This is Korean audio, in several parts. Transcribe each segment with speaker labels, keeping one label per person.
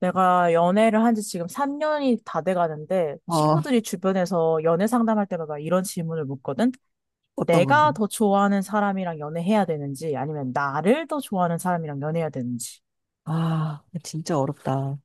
Speaker 1: 내가 연애를 한지 지금 3년이 다 돼가는데
Speaker 2: 어,
Speaker 1: 친구들이 주변에서 연애 상담할 때마다 이런 질문을 묻거든?
Speaker 2: 어떤 건데?
Speaker 1: 내가 더 좋아하는 사람이랑 연애해야 되는지 아니면 나를 더 좋아하는 사람이랑 연애해야 되는지.
Speaker 2: 아, 진짜 어렵다.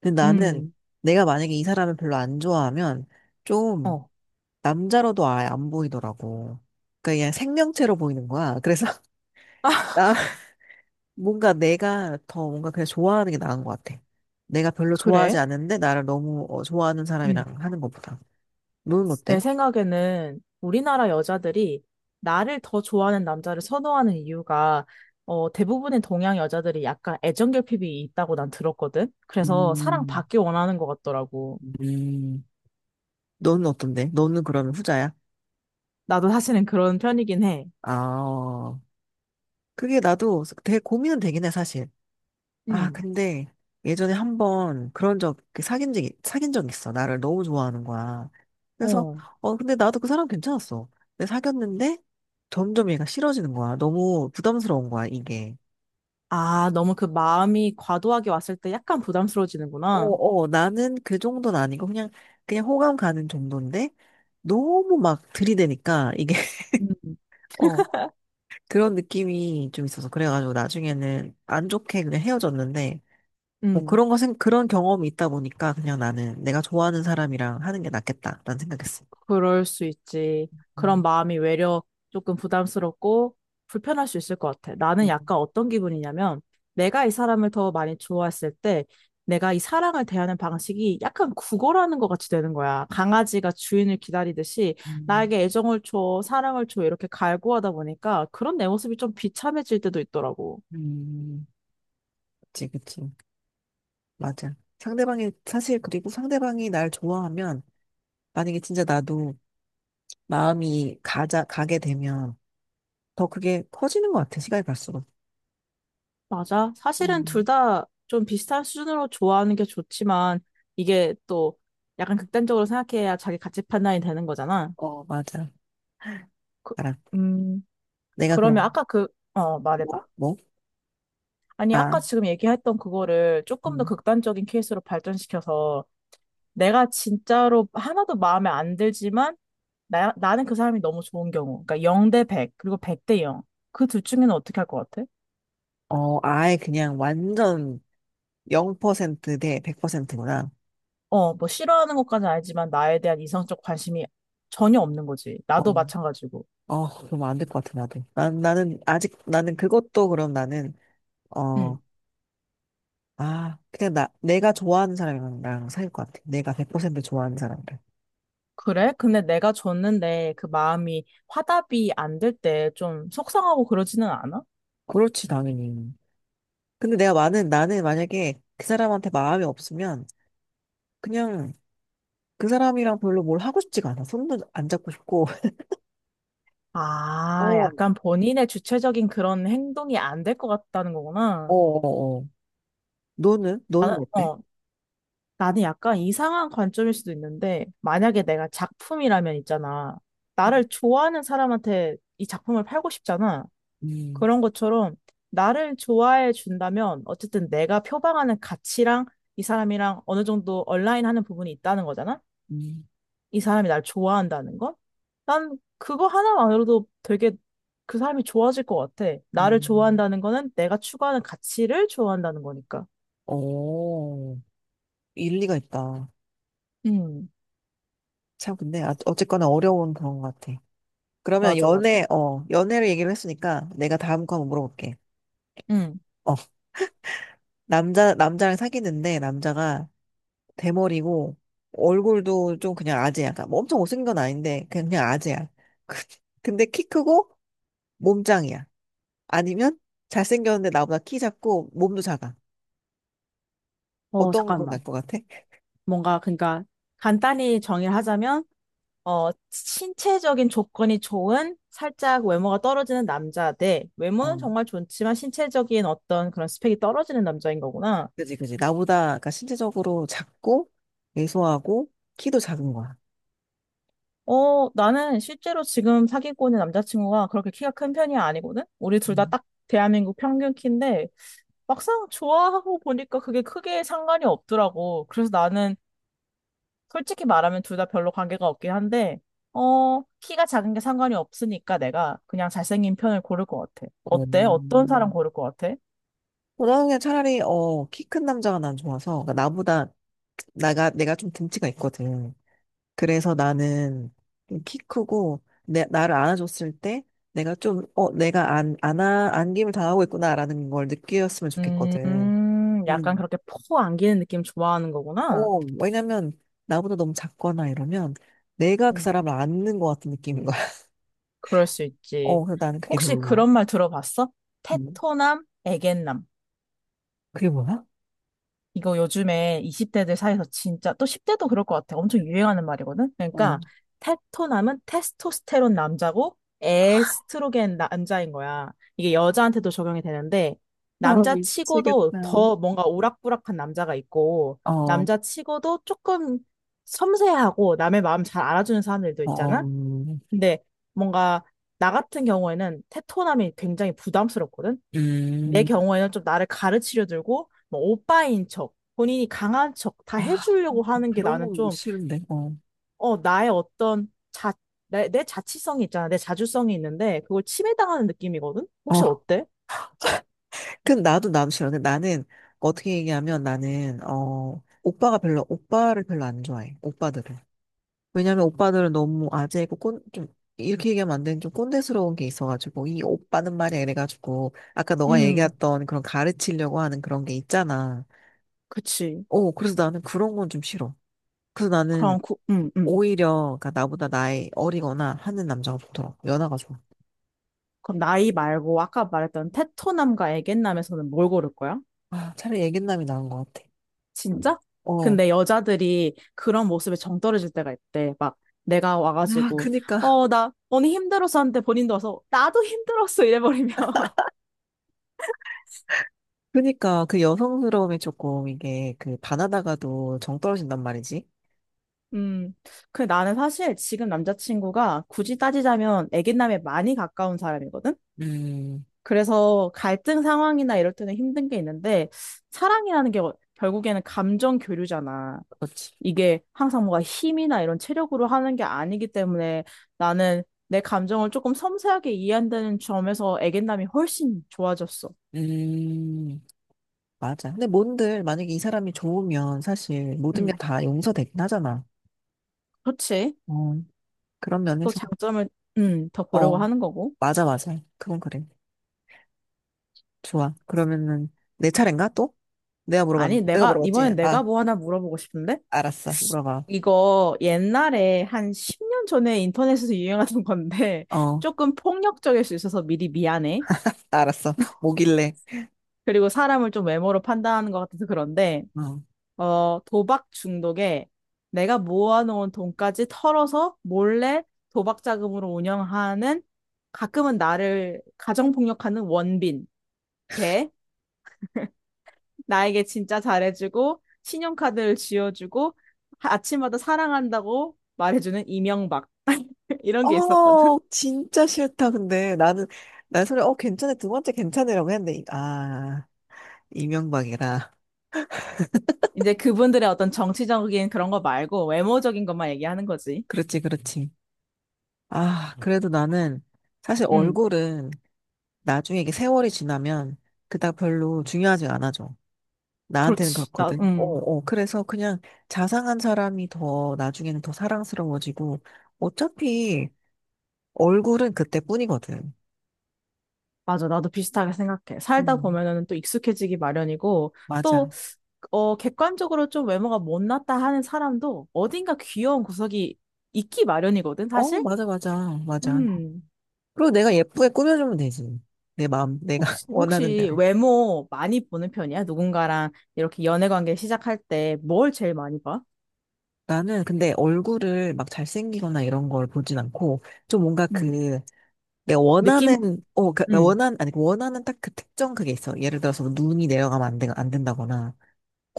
Speaker 2: 근데 나는
Speaker 1: 음,
Speaker 2: 내가 만약에 이 사람을 별로 안 좋아하면 좀
Speaker 1: 어,
Speaker 2: 남자로도 아예 안 보이더라고. 그러니까 그냥 생명체로 보이는 거야. 그래서 나 뭔가 내가 더 뭔가 그냥 좋아하는 게 나은 것 같아. 내가 별로 좋아하지
Speaker 1: 그래?
Speaker 2: 않는데 나를 너무 좋아하는
Speaker 1: 음,
Speaker 2: 사람이랑 하는 것보다. 너는 어때?
Speaker 1: 내 생각에는 우리나라 여자들이 나를 더 좋아하는 남자를 선호하는 이유가 대부분의 동양 여자들이 약간 애정 결핍이 있다고 난 들었거든? 그래서
Speaker 2: 음,
Speaker 1: 사랑받기 원하는 것 같더라고.
Speaker 2: 음. 너는 어떤데? 너는 그러면 후자야?
Speaker 1: 나도 사실은 그런 편이긴 해.
Speaker 2: 아, 그게 나도 되게 고민은 되긴 해, 사실. 아,
Speaker 1: 음.
Speaker 2: 근데 예전에 한번 그런 적, 그 사귄 적, 사귄 적 있어. 나를 너무 좋아하는 거야. 그래서,
Speaker 1: 어.
Speaker 2: 근데 나도 그 사람 괜찮았어. 근데 사귀었는데 점점 얘가 싫어지는 거야. 너무 부담스러운 거야, 이게.
Speaker 1: 아, 너무 그 마음이 과도하게 왔을 때 약간 부담스러워지는구나.
Speaker 2: 어, 어, 나는 그 정도는 아니고 그냥 호감 가는 정도인데 너무 막 들이대니까 이게,
Speaker 1: 음.
Speaker 2: 어, 그런 느낌이 좀 있어서. 그래가지고 나중에는 안 좋게 그냥 헤어졌는데 뭐
Speaker 1: 음,
Speaker 2: 그런 거, 그런 경험이 있다 보니까 그냥 나는 내가 좋아하는 사람이랑 하는 게 낫겠다. 는 생각했어.
Speaker 1: 그럴 수 있지. 그런
Speaker 2: 음,
Speaker 1: 마음이 외려 조금 부담스럽고 불편할 수 있을 것 같아. 나는 약간 어떤 기분이냐면 내가 이 사람을 더 많이 좋아했을 때 내가 이 사랑을 대하는 방식이 약간 구걸하는 것 같이 되는 거야. 강아지가 주인을 기다리듯이
Speaker 2: 음,
Speaker 1: 나에게 애정을 줘, 사랑을 줘 이렇게 갈구하다 보니까 그런 내 모습이 좀 비참해질 때도 있더라고.
Speaker 2: 음, 그치, 그치. 맞아. 상대방이, 사실 그리고 상대방이 날 좋아하면 만약에 진짜 나도 마음이 가게 되면 더 그게 커지는 것 같아. 시간이 갈수록.
Speaker 1: 맞아. 사실은 둘
Speaker 2: 음.
Speaker 1: 다 좀 비슷한 수준으로 좋아하는 게 좋지만 이게 또 약간 극단적으로 생각해야 자기 가치 판단이 되는 거잖아.
Speaker 2: 어, 맞아.
Speaker 1: 그,
Speaker 2: 알아.
Speaker 1: 음,
Speaker 2: 내가
Speaker 1: 그러면
Speaker 2: 그럼,
Speaker 1: 아까 말해봐.
Speaker 2: 뭐? 뭐?
Speaker 1: 아니, 아까
Speaker 2: 아,
Speaker 1: 지금 얘기했던 그거를 조금 더
Speaker 2: 음.
Speaker 1: 극단적인 케이스로 발전시켜서 내가 진짜로 하나도 마음에 안 들지만 나는 그 사람이 너무 좋은 경우. 그러니까 0대 100, 그리고 100대 0. 그 둘 중에는 어떻게 할 것 같아?
Speaker 2: 어, 아예 그냥 완전 0%대 100%구나.
Speaker 1: 뭐 싫어하는 것까지 는 알지만 나에 대한 이성적 관심이 전혀 없는 거지. 나도 마찬가지고.
Speaker 2: 어, 그럼 안 될 것 같아, 나도. 난, 나는, 아직, 나는 그것도 그럼 나는,
Speaker 1: 응.
Speaker 2: 어, 아, 그냥 내가 좋아하는 사람이랑 나랑 사귈 것 같아. 내가 100% 좋아하는 사람들.
Speaker 1: 그래? 근데 내가 줬는데 그 마음이 화답이 안 될 때 좀 속상하고 그러지는 않아?
Speaker 2: 그렇지, 당연히. 근데 나는 만약에 그 사람한테 마음이 없으면, 그냥 그 사람이랑 별로 뭘 하고 싶지가 않아. 손도 안 잡고 싶고.
Speaker 1: 아,
Speaker 2: 어,
Speaker 1: 약간 본인의 주체적인 그런 행동이 안 될 것 같다는
Speaker 2: 어,
Speaker 1: 거구나.
Speaker 2: 어, 어. 너는?
Speaker 1: 나는,
Speaker 2: 너는 어때?
Speaker 1: 어, 나는 약간 이상한 관점일 수도 있는데, 만약에 내가 작품이라면 있잖아. 나를
Speaker 2: 음,
Speaker 1: 좋아하는 사람한테 이 작품을 팔고 싶잖아.
Speaker 2: 음,
Speaker 1: 그런 것처럼 나를 좋아해 준다면 어쨌든 내가 표방하는 가치랑 이 사람이랑 어느 정도 얼라인하는 부분이 있다는 거잖아?
Speaker 2: 음.
Speaker 1: 이 사람이 날 좋아한다는 건? 난 그거 하나만으로도 되게 그 사람이 좋아질 것 같아. 나를
Speaker 2: 음.
Speaker 1: 좋아한다는 거는 내가 추구하는 가치를 좋아한다는 거니까.
Speaker 2: 어, 일리가 있다.
Speaker 1: 음,
Speaker 2: 참, 근데, 아, 어쨌거나 어려운 그런 것 같아. 그러면
Speaker 1: 맞아, 맞아.
Speaker 2: 연애를 얘기를 했으니까 내가 다음 거 한번 물어볼게.
Speaker 1: 음.
Speaker 2: 어, 남자랑 사귀는데 남자가 대머리고 얼굴도 좀 그냥 아재야. 그러니까 뭐 엄청 못생긴 건 아닌데 그냥 아재야. 근데 키 크고 몸짱이야. 아니면 잘생겼는데 나보다 키 작고 몸도 작아. 어떤 건
Speaker 1: 잠깐만.
Speaker 2: 날 것 같아?
Speaker 1: 뭔가, 그러니까, 간단히 정의를 하자면, 신체적인 조건이 좋은 살짝 외모가 떨어지는 남자 대 외모는
Speaker 2: 어,
Speaker 1: 정말 좋지만 신체적인 어떤 그런 스펙이 떨어지는 남자인 거구나.
Speaker 2: 그지, 그지. 나보다 그러니까 신체적으로 작고 왜소하고 키도 작은 거야.
Speaker 1: 나는 실제로 지금 사귀고 있는 남자친구가 그렇게 키가 큰 편이 아니거든? 우리 둘 다
Speaker 2: 음.
Speaker 1: 딱 대한민국 평균 키인데 막상 좋아하고 보니까 그게 크게 상관이 없더라고. 그래서 나는 솔직히 말하면 둘 다 별로 관계가 없긴 한데, 키가 작은 게 상관이 없으니까 내가 그냥 잘생긴 편을 고를 것 같아. 어때? 어떤 사람
Speaker 2: 음.
Speaker 1: 고를 것 같아?
Speaker 2: 고등학년 차라리 키 큰 남자가 난 좋아서 그러니까 나보다 나가 내가 좀 등치가 있거든. 그래서 나는 좀키 크고 내 나를 안아줬을 때 내가 좀 내가 안 안아 안김을 당하고 있구나라는 걸 느꼈으면 좋겠거든.
Speaker 1: 약간
Speaker 2: 음.
Speaker 1: 그렇게 포 안기는 느낌 좋아하는 거구나.
Speaker 2: 어 왜냐면 나보다 너무 작거나 이러면 내가 그
Speaker 1: 음,
Speaker 2: 사람을 안는 것 같은 느낌인 거야.
Speaker 1: 그럴 수 있지.
Speaker 2: 어 그래서 나는 그게
Speaker 1: 혹시
Speaker 2: 별로야.
Speaker 1: 그런 말 들어봤어?
Speaker 2: 음.
Speaker 1: 테토남, 에겐남.
Speaker 2: 그게 뭐야?
Speaker 1: 이거 요즘에 20대들 사이에서 진짜 또 10대도 그럴 것 같아. 엄청 유행하는 말이거든.
Speaker 2: 어
Speaker 1: 그러니까 테토남은 테스토스테론 남자고 에스트로겐 남자인 거야. 이게 여자한테도 적용이 되는데
Speaker 2: 아,
Speaker 1: 남자 치고도
Speaker 2: 미치겠다.
Speaker 1: 더 뭔가 오락부락한 남자가 있고
Speaker 2: 어,
Speaker 1: 남자 치고도 조금 섬세하고 남의 마음 잘 알아주는 사람들도
Speaker 2: 어,
Speaker 1: 있잖아. 근데 뭔가 나 같은 경우에는 테토남이 굉장히 부담스럽거든. 내
Speaker 2: 음,
Speaker 1: 경우에는 좀 나를 가르치려 들고 뭐 오빠인 척, 본인이 강한 척 다
Speaker 2: 아,
Speaker 1: 해주려고 하는 게
Speaker 2: 그런
Speaker 1: 나는
Speaker 2: 건 못
Speaker 1: 좀,
Speaker 2: 싫은데, 어.
Speaker 1: 어, 나의 어떤 자, 내, 내 자치성이 있잖아. 내 자주성이 있는데 그걸 침해당하는 느낌이거든? 혹시
Speaker 2: 어,
Speaker 1: 어때?
Speaker 2: 그 나도 싫어. 근데 나는, 어떻게 얘기하면 나는, 어, 오빠를 별로 안 좋아해. 오빠들을. 왜냐면 오빠들은 너무 아재고, 좀, 이렇게 얘기하면 안 되는 좀 꼰대스러운 게 있어가지고, 이 오빠는 말이야. 이래가지고, 아까 너가
Speaker 1: 음,
Speaker 2: 얘기했던 그런 가르치려고 하는 그런 게 있잖아.
Speaker 1: 그치.
Speaker 2: 어, 그래서 나는 그런 건 좀 싫어. 그래서 나는
Speaker 1: 그럼,
Speaker 2: 오히려, 그니까 나보다 나이 어리거나 하는 남자가 좋더라고. 연하가 좋아.
Speaker 1: 그럼 나이 말고 아까 말했던 테토남과 애견남에서는 뭘 고를 거야?
Speaker 2: 아, 차라리 애견남이 나은 것 같아.
Speaker 1: 진짜?
Speaker 2: 어.
Speaker 1: 근데 여자들이 그런 모습에 정 떨어질 때가 있대. 막 내가
Speaker 2: 아,
Speaker 1: 와가지고
Speaker 2: 그니까.
Speaker 1: 어, 나 언니 힘들었어 하는데 본인도 와서 나도 힘들었어 이래버리면
Speaker 2: 그러니까 그 여성스러움이 조금 이게 그 바나나가도 정 떨어진단 말이지.
Speaker 1: 음. 근데 나는 사실 지금 남자친구가 굳이 따지자면 애견남에 많이 가까운 사람이거든?
Speaker 2: 음,
Speaker 1: 그래서 갈등 상황이나 이럴 때는 힘든 게 있는데 사랑이라는 게 결국에는 감정 교류잖아.
Speaker 2: 그렇지.
Speaker 1: 이게 항상 뭔가 힘이나 이런 체력으로 하는 게 아니기 때문에 나는 내 감정을 조금 섬세하게 이해한다는 점에서 애견남이 훨씬 좋아졌어.
Speaker 2: 음, 맞아. 근데 뭔들 만약에 이 사람이 좋으면 사실 모든 게
Speaker 1: 음,
Speaker 2: 다 용서되긴 하잖아.
Speaker 1: 그렇지.
Speaker 2: 어, 그런
Speaker 1: 또
Speaker 2: 면에서.
Speaker 1: 장점을 더 보려고
Speaker 2: 어,
Speaker 1: 하는 거고.
Speaker 2: 맞아, 맞아. 그건 그래. 좋아. 그러면은 내 차례인가 또?
Speaker 1: 아니,
Speaker 2: 내가
Speaker 1: 내가
Speaker 2: 물어봤지?
Speaker 1: 이번엔 내가
Speaker 2: 아,
Speaker 1: 뭐 하나 물어보고 싶은데?
Speaker 2: 알았어. 물어봐.
Speaker 1: 이거 옛날에 한 10년 전에 인터넷에서 유행하던 건데
Speaker 2: 어,
Speaker 1: 조금 폭력적일 수 있어서 미리 미안해.
Speaker 2: 알았어. 뭐길래.
Speaker 1: 그리고 사람을 좀 외모로 판단하는 것 같아서 그런데
Speaker 2: 어.
Speaker 1: 도박 중독에 내가 모아놓은 돈까지 털어서 몰래 도박 자금으로 운영하는 가끔은 나를 가정폭력하는 원빈 대 나에게 진짜 잘해주고 신용카드를 쥐어주고 아침마다 사랑한다고 말해주는 이명박. 이런 게 있었거든.
Speaker 2: 어, 진짜 싫다. 근데 나는, 괜찮아. 두 번째 괜찮으라고 했는데, 이명박이라.
Speaker 1: 이제 그분들의 어떤 정치적인 그런 거 말고 외모적인 것만 얘기하는 거지.
Speaker 2: 그렇지, 그렇지. 아, 그래도 나는 사실
Speaker 1: 응,
Speaker 2: 얼굴은 나중에 이게 세월이 지나면 그닥 별로 중요하지 않아져. 나한테는
Speaker 1: 그렇지. 나,
Speaker 2: 그렇거든. 어,
Speaker 1: 응.
Speaker 2: 어. 그래서 그냥 자상한 사람이 더 나중에는 더 사랑스러워지고 어차피 얼굴은 그때뿐이거든.
Speaker 1: 맞아, 나도 비슷하게 생각해. 살다
Speaker 2: 음,
Speaker 1: 보면은 또 익숙해지기 마련이고, 또,
Speaker 2: 맞아.
Speaker 1: 객관적으로 좀 외모가 못났다 하는 사람도 어딘가 귀여운 구석이 있기 마련이거든,
Speaker 2: 어,
Speaker 1: 사실?
Speaker 2: 맞아, 맞아, 맞아.
Speaker 1: 음,
Speaker 2: 그리고 내가 예쁘게 꾸며주면 되지. 내가
Speaker 1: 혹시,
Speaker 2: 원하는
Speaker 1: 혹시
Speaker 2: 대로.
Speaker 1: 외모 많이 보는 편이야? 누군가랑 이렇게 연애 관계 시작할 때 뭘 제일 많이 봐?
Speaker 2: 나는 근데 얼굴을 막 잘생기거나 이런 걸 보진 않고, 좀 뭔가
Speaker 1: 음,
Speaker 2: 그, 내가
Speaker 1: 느낌?
Speaker 2: 원하는, 어, 그, 나
Speaker 1: 음,
Speaker 2: 원한, 아니, 그 원하는 딱 그 특정 그게 있어. 예를 들어서 눈이 내려가면 안 된다거나,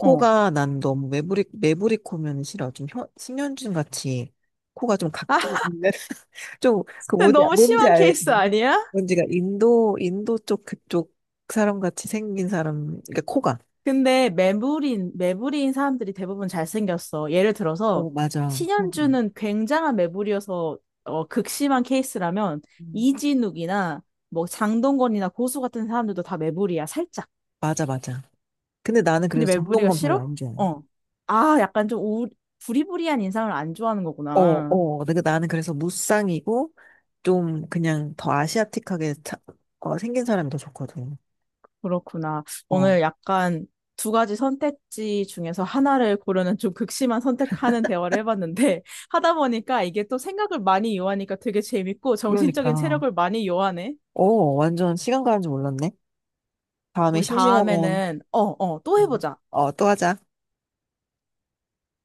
Speaker 1: 어.
Speaker 2: 난 너무 매부리 매부리 코면 싫어. 좀 신현준 같이 코가 좀
Speaker 1: 아,
Speaker 2: 각종 있는, 좀, 그 뭔지,
Speaker 1: 너무
Speaker 2: 뭔지
Speaker 1: 심한 케이스
Speaker 2: 알지?
Speaker 1: 아니야?
Speaker 2: 뭔지가 인도 쪽 그쪽 사람 같이 생긴 사람, 그러니까 코가.
Speaker 1: 근데 매부리인 사람들이 대부분 잘생겼어. 예를 들어서
Speaker 2: 어, 맞아. 어.
Speaker 1: 신현주는 굉장한 매부리여서 극심한 케이스라면
Speaker 2: 음.
Speaker 1: 이진욱이나 뭐 장동건이나 고수 같은 사람들도 다 매부리야, 살짝.
Speaker 2: 맞아, 맞아. 근데 나는
Speaker 1: 근데
Speaker 2: 그래서
Speaker 1: 매부리가
Speaker 2: 장동건 별로
Speaker 1: 싫어?
Speaker 2: 안 좋아해.
Speaker 1: 어. 아, 약간 좀 부리부리한 인상을 안 좋아하는
Speaker 2: 어,
Speaker 1: 거구나.
Speaker 2: 어. 근데 그 나는 그래서 무쌍이고, 좀 그냥 더 아시아틱하게 차- 어, 생긴 사람이 더 좋거든.
Speaker 1: 그렇구나.
Speaker 2: 어,
Speaker 1: 오늘 약간 두 가지 선택지 중에서 하나를 고르는 좀 극심한 선택하는 대화를 해봤는데 하다 보니까 이게 또 생각을 많이 요하니까 되게 재밌고 정신적인
Speaker 2: 그러니까.
Speaker 1: 체력을 많이 요하네.
Speaker 2: 어, 완전 시간 가는 줄 몰랐네. 다음에
Speaker 1: 우리
Speaker 2: 심심하면,
Speaker 1: 다음에는 또 해보자.
Speaker 2: 어, 또 하자.